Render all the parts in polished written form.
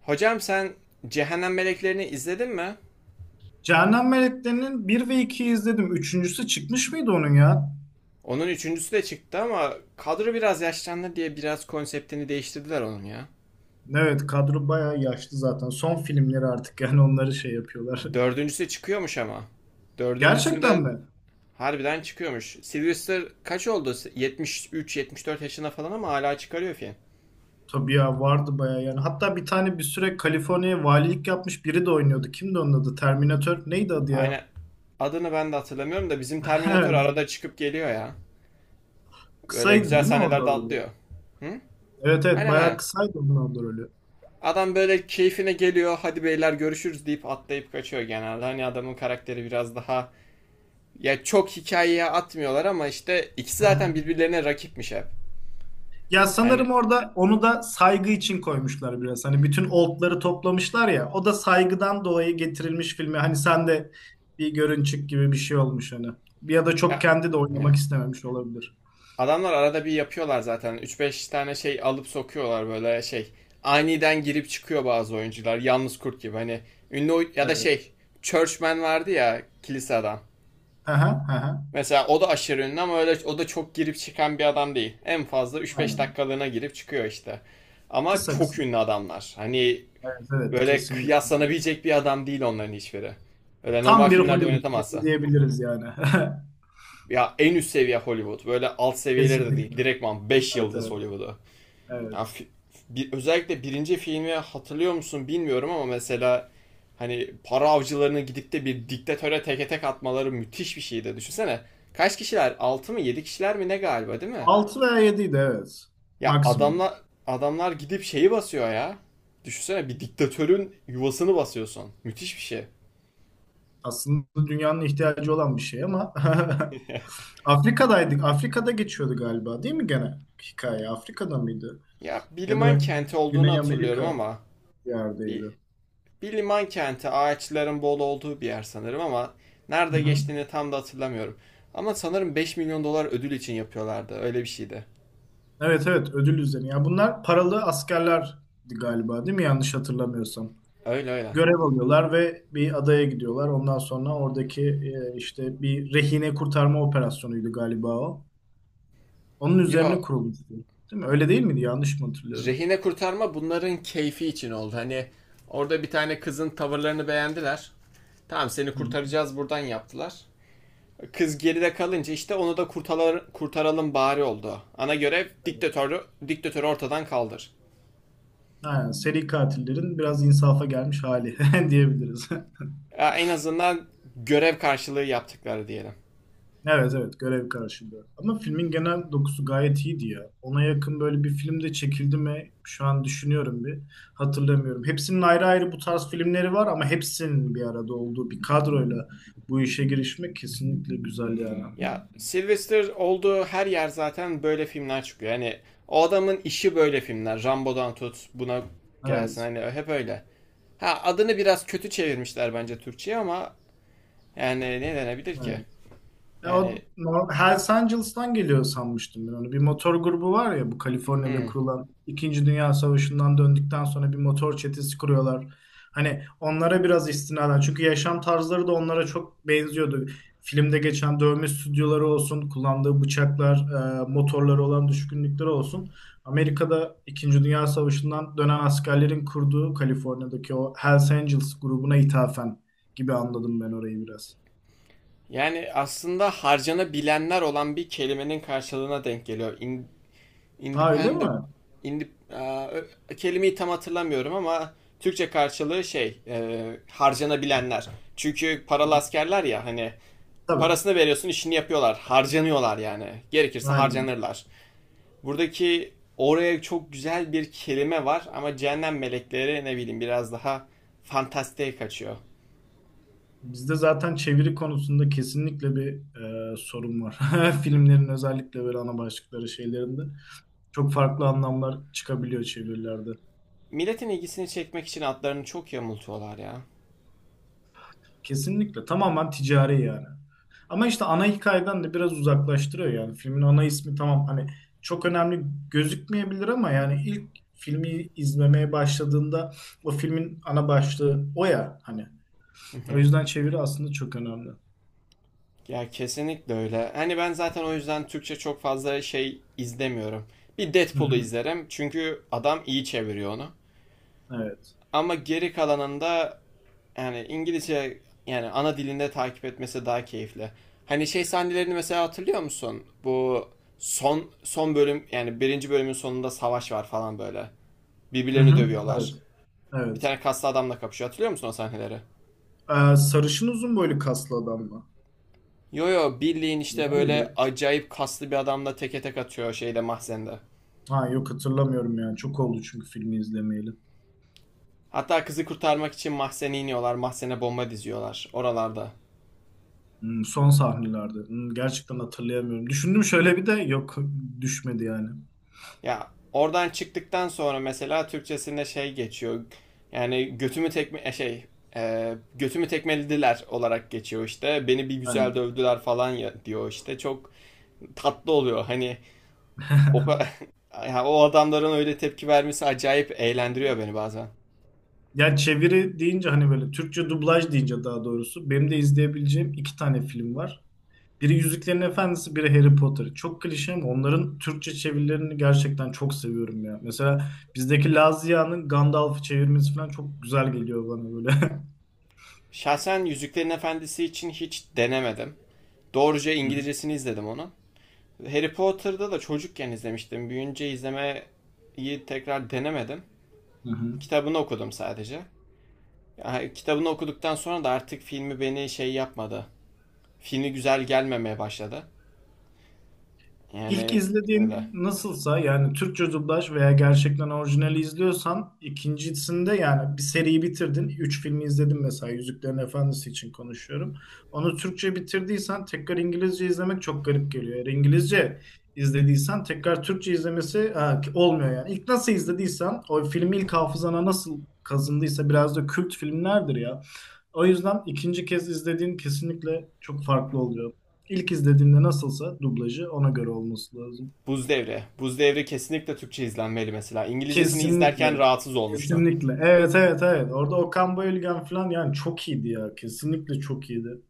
Hocam sen Cehennem Meleklerini izledin mi? Cehennem Melekleri'nin bir ve 2'yi izledim. Üçüncüsü çıkmış mıydı onun ya? Onun üçüncüsü de çıktı ama kadro biraz yaşlandı diye biraz konseptini değiştirdiler onun ya. Evet kadro bayağı yaşlı zaten. Son filmleri artık yani onları şey yapıyorlar. Dördüncüsü çıkıyormuş ama. Gerçekten Dördüncüsünde mi? harbiden çıkıyormuş. Sylvester kaç oldu? 73 dört yaşında falan ama hala çıkarıyor film. Tabii ya vardı bayağı yani. Hatta bir tane bir süre Kaliforniya valilik yapmış biri de oynuyordu. Kimdi onun adı? Terminator neydi adı Aynen. ya? Adını ben de hatırlamıyorum da bizim Terminator Evet. arada çıkıp geliyor ya. Böyle Kısaydı güzel değil mi orada sahnelerde rolü? atlıyor. Hı? Evet evet Aynen bayağı aynen. kısaydı onun orada rolü. Adam böyle keyfine geliyor, hadi beyler görüşürüz deyip atlayıp kaçıyor genelde. Hani adamın karakteri biraz daha ya çok hikayeye atmıyorlar ama işte ikisi zaten birbirlerine rakipmiş hep. Ya Yani sanırım orada onu da saygı için koymuşlar biraz. Hani bütün oldları toplamışlar ya. O da saygıdan dolayı getirilmiş filme. Hani sen de bir görünçük gibi bir şey olmuş hani. Ya da çok ya kendi de oynamak ne? istememiş olabilir. Adamlar arada bir yapıyorlar zaten, üç beş tane şey alıp sokuyorlar böyle şey. Aniden girip çıkıyor bazı oyuncular yalnız kurt gibi, hani ünlü ya da Evet. şey, Churchman vardı ya, kilise adam. Hı hı hı. Hı. Mesela o da aşırı ünlü ama öyle, o da çok girip çıkan bir adam değil. En fazla üç beş Aynen. dakikalığına girip çıkıyor işte. Ama Kısa çok kısa. ünlü adamlar. Hani Evet, evet böyle kesinlikle. kıyaslanabilecek bir adam değil onların hiçbiri. Öyle normal Tam bir filmlerde Hollywood filmi oynatamazsa. diyebiliriz yani. Ya en üst seviye Hollywood. Böyle alt seviyeleri de değil. Kesinlikle. Direktman 5 Evet yıldız evet. Hollywood'u. Ya Evet. bir, özellikle birinci filmi hatırlıyor musun bilmiyorum ama mesela hani para avcılarını gidip de bir diktatöre teke tek atmaları müthiş bir şeydi. Düşünsene. Kaç kişiler? 6 mı 7 kişiler mi ne galiba değil mi? 6 veya 7 evet. Ya Maksimum. adamlar gidip şeyi basıyor ya. Düşünsene, bir diktatörün yuvasını basıyorsun. Müthiş bir şey. Aslında dünyanın ihtiyacı olan bir şey ama Afrika'daydık. Afrika'da geçiyordu galiba değil mi gene hikaye? Afrika'da mıydı? Ya Ya Biliman da kenti olduğunu Güney hatırlıyorum Amerika ama bir yerdeydi. bir Bir liman kenti, ağaçların bol olduğu bir yer sanırım ama Hı nerede hı. geçtiğini tam da hatırlamıyorum. Ama sanırım 5 milyon dolar ödül için yapıyorlardı. Öyle bir şeydi. Evet evet ödül üzerine. Ya bunlar paralı askerlerdi galiba değil mi? Yanlış hatırlamıyorsam. Öyle öyle. Görev alıyorlar ve bir adaya gidiyorlar. Ondan sonra oradaki işte bir rehine kurtarma operasyonuydu galiba o. Onun üzerine Yo, kurulmuştu. Değil mi? Öyle değil miydi? Yanlış mı hatırlıyorum? rehine kurtarma bunların keyfi için oldu. Hani orada bir tane kızın tavırlarını beğendiler. Tamam seni Hı hı. kurtaracağız buradan yaptılar. Kız geride kalınca işte onu da kurtaralım, kurtaralım bari oldu. Ana görev Evet. diktatörü ortadan kaldır. Ha, seri katillerin biraz insafa gelmiş hali diyebiliriz. Ya en azından görev karşılığı yaptıkları diyelim. Evet evet görev karşılığı. Ama filmin genel dokusu gayet iyiydi ya. Ona yakın böyle bir film de çekildi mi? Şu an düşünüyorum bir. Hatırlamıyorum. Hepsinin ayrı ayrı bu tarz filmleri var ama hepsinin bir arada olduğu bir kadroyla bu işe girişmek kesinlikle güzel yani. Ya Sylvester olduğu her yer zaten böyle filmler çıkıyor. Hani o adamın işi böyle filmler. Rambo'dan tut buna gelsin, Evet. hani hep öyle. Ha, adını biraz kötü çevirmişler bence Türkçe'ye ama yani ne denebilir ki? Evet. Ya Yani o nor- Hells Angels'tan geliyor sanmıştım ben onu. Bir motor grubu var ya bu Kaliforniya'da hmm. kurulan İkinci Dünya Savaşı'ndan döndükten sonra bir motor çetesi kuruyorlar. Hani onlara biraz istinaden çünkü yaşam tarzları da onlara çok benziyordu. Filmde geçen dövme stüdyoları olsun, kullandığı bıçaklar, motorları olan düşkünlükleri olsun. Amerika'da İkinci Dünya Savaşı'ndan dönen askerlerin kurduğu Kaliforniya'daki o Hells Angels grubuna ithafen gibi anladım ben orayı biraz. Yani aslında harcanabilenler olan bir kelimenin karşılığına denk geliyor. Ha öyle Independent mi? indip, aa, kelimeyi tam hatırlamıyorum ama Türkçe karşılığı harcanabilenler. Çünkü paralı askerler ya hani Tabii. parasını veriyorsun, işini yapıyorlar. Harcanıyorlar yani. Gerekirse Aynen. harcanırlar. Buradaki oraya çok güzel bir kelime var ama cehennem melekleri, ne bileyim, biraz daha fantastiğe kaçıyor. Bizde zaten çeviri konusunda kesinlikle bir sorun var. Filmlerin özellikle böyle ana başlıkları şeylerinde çok farklı anlamlar çıkabiliyor çevirilerde. Milletin ilgisini çekmek için adlarını çok yamultuyorlar ya. Kesinlikle. Tamamen ticari yani. Ama işte ana hikayeden de biraz uzaklaştırıyor yani. Filmin ana ismi tamam hani çok önemli gözükmeyebilir ama yani ilk filmi izlemeye başladığında o filmin ana başlığı o ya hani. O yüzden çeviri aslında çok önemli. Ya kesinlikle öyle. Hani ben zaten o yüzden Türkçe çok fazla şey izlemiyorum. Bir Hı Deadpool'u hı. izlerim çünkü adam iyi çeviriyor onu. Evet. Ama geri kalanında yani İngilizce, yani ana dilinde takip etmesi daha keyifli. Hani şey sahnelerini mesela hatırlıyor musun? Bu son son bölüm, yani birinci bölümün sonunda savaş var falan böyle. Hı Birbirlerini hı. Evet. dövüyorlar. Bir Evet. tane kaslı adamla kapışıyor. Hatırlıyor musun o sahneleri? Sarışın uzun boylu kaslı adam mı? Yo yo, Birliğin Kızım işte O böyle muydu? acayip kaslı bir adamla teke tek atıyor şeyde, mahzende. Ha yok hatırlamıyorum yani. Çok oldu çünkü filmi izlemeyeli. Hatta kızı kurtarmak için mahzene iniyorlar. Mahzene bomba diziyorlar oralarda. Son sahnelerde. Gerçekten hatırlayamıyorum. Düşündüm şöyle bir de yok düşmedi yani. Ya oradan çıktıktan sonra mesela Türkçesinde şey geçiyor. Yani götümü tekme e, şey e, götümü tekmelediler olarak geçiyor işte. Beni bir güzel Aynen. dövdüler falan ya, diyor işte. Çok tatlı oluyor. Hani o o adamların öyle tepki vermesi acayip eğlendiriyor beni bazen. Ya çeviri deyince hani böyle Türkçe dublaj deyince daha doğrusu benim de izleyebileceğim iki tane film var. Biri Yüzüklerin Efendisi, biri Harry Potter. Çok klişe ama onların Türkçe çevirilerini gerçekten çok seviyorum ya. Mesela bizdeki Lazia'nın Gandalf'ı çevirmesi falan çok güzel geliyor bana böyle. Şahsen Yüzüklerin Efendisi için hiç denemedim. Doğruca İngilizcesini izledim onu. Harry Potter'da da çocukken izlemiştim. Büyünce izlemeyi tekrar denemedim. Hı hı. Kitabını okudum sadece. Yani kitabını okuduktan sonra da artık filmi beni şey yapmadı. Filmi güzel gelmemeye başladı. İlk Yani öyle. izlediğin nasılsa yani Türkçe dublaj veya gerçekten orijinali izliyorsan ikincisinde yani bir seriyi bitirdin. Üç filmi izledim mesela Yüzüklerin Efendisi için konuşuyorum. Onu Türkçe bitirdiysen tekrar İngilizce izlemek çok garip geliyor. Eğer İngilizce izlediysen tekrar Türkçe izlemesi ha, olmuyor yani. İlk nasıl izlediysen o filmi ilk hafızana nasıl kazındıysa biraz da kült filmlerdir ya. O yüzden ikinci kez izlediğin kesinlikle çok farklı oluyor. İlk izlediğinde nasılsa dublajı ona göre olması lazım. Buz Devri. Buz Devri kesinlikle Türkçe izlenmeli mesela. İngilizcesini Kesinlikle. izlerken rahatsız olmuştum. Kesinlikle. Evet evet evet. Orada Okan Bayülgen falan yani çok iyiydi ya. Kesinlikle çok iyiydi.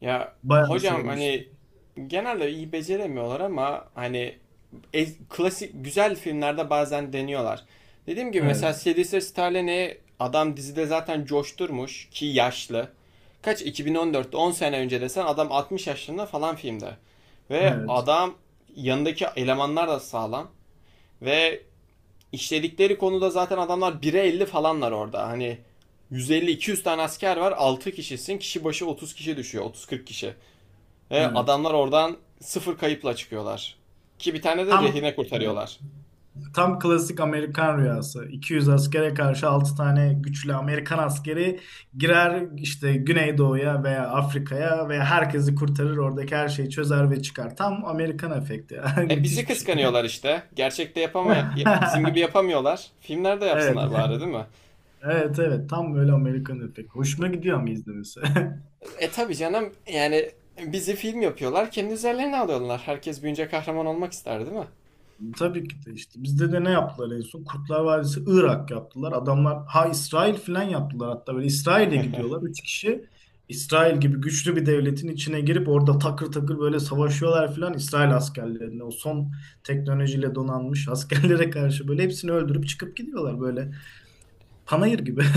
Ya Bayağı hocam, sevmiştim. hani genelde iyi beceremiyorlar ama hani klasik güzel filmlerde bazen deniyorlar. Dediğim gibi Evet. mesela Sylvester Stallone'yi adam dizide zaten coşturmuş ki yaşlı. Kaç 2014'te 10 sene önce desen adam 60 yaşında falan filmde. Ve Evet. adam, yanındaki elemanlar da sağlam ve işledikleri konuda zaten adamlar 1'e 50 falanlar orada. Hani 150 200 tane asker var, 6 kişisin, kişi başı 30 kişi düşüyor, 30-40 kişi. Ve Evet. adamlar oradan sıfır kayıpla çıkıyorlar. Ki bir tane de Tam rehine evet. kurtarıyorlar. Tam klasik Amerikan rüyası. 200 askere karşı 6 tane güçlü Amerikan askeri girer işte Güneydoğu'ya veya Afrika'ya ve herkesi kurtarır. Oradaki her şeyi çözer ve çıkar. Tam Amerikan efekti. E bizi Müthiş bir şey. kıskanıyorlar işte. Gerçekte bizim gibi yapamıyorlar. Filmlerde Evet. yapsınlar bari, değil mi? Evet evet. Tam böyle Amerikan efekti. Hoşuma gidiyor ama izlemesi. E tabii canım, yani bizi film yapıyorlar. Kendi üzerlerine alıyorlar. Herkes büyünce kahraman olmak ister, değil mi? Tabii ki de işte bizde de ne yaptılar en son? Kurtlar Vadisi Irak yaptılar. Adamlar ha İsrail falan yaptılar hatta böyle İsrail'e gidiyorlar. Üç kişi İsrail gibi güçlü bir devletin içine girip orada takır takır böyle savaşıyorlar falan İsrail askerlerine o son teknolojiyle donanmış askerlere karşı böyle hepsini öldürüp çıkıp gidiyorlar böyle panayır gibi.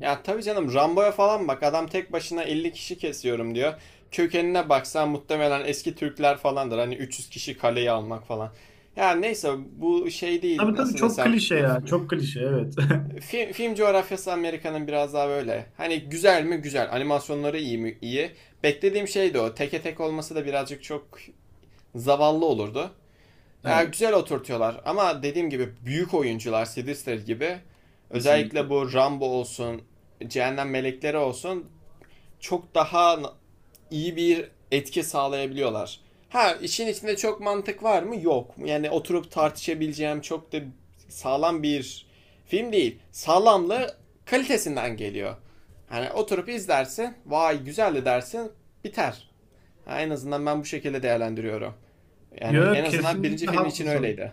Ya tabii canım, Rambo'ya falan bak. Adam tek başına 50 kişi kesiyorum diyor. Kökenine baksan muhtemelen eski Türkler falandır. Hani 300 kişi kaleyi almak falan. Ya neyse, bu şey değil, Tabii tabii nasıl çok desem, klişe ya çok klişe evet. film, film coğrafyası Amerika'nın, biraz daha böyle. Hani güzel mi? Güzel. Animasyonları iyi mi? İyi. Beklediğim şey de o. Teke tek olması da birazcık çok zavallı olurdu. Ya Evet güzel oturtuyorlar ama dediğim gibi büyük oyuncular Sidister gibi, özellikle kesinlikle. bu Rambo olsun, Cehennem Melekleri olsun çok daha iyi bir etki sağlayabiliyorlar. Ha, işin içinde çok mantık var mı? Yok. Yani oturup tartışabileceğim çok da sağlam bir film değil. Sağlamlığı kalitesinden geliyor. Hani oturup izlersin, vay güzeldi dersin, biter. Ha, en azından ben bu şekilde değerlendiriyorum. Yani en Yok azından birinci kesinlikle film için haklısın. öyleydi.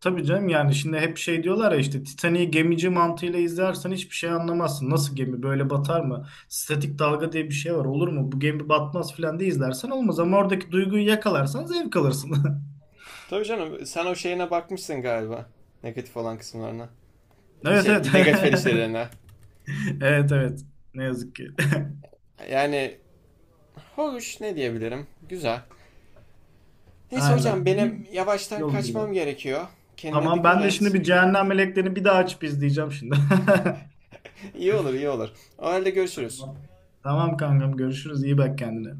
Tabii canım yani şimdi hep şey diyorlar ya işte Titanic'i gemici mantığıyla izlersen hiçbir şey anlamazsın. Nasıl gemi böyle batar mı? Statik dalga diye bir şey var olur mu? Bu gemi batmaz filan diye izlersen olmaz ama oradaki duyguyu yakalarsan zevk alırsın. Tabii canım, sen o şeyine bakmışsın galiba. Negatif olan kısımlarına. Evet evet. Şey, negatif eleştirilerine. Evet evet. Ne yazık ki. Yani, hoş ne diyebilirim? Güzel. Neyse hocam, Aynen. İyi benim yavaştan yol kaçmam diyor. gerekiyor. Kendine Tamam dikkat ben de şimdi et. bir Cehennem Meleklerini bir daha açıp izleyeceğim şimdi. İyi olur, iyi olur. O halde görüşürüz. Tamam. Tamam kankam görüşürüz. İyi bak kendine.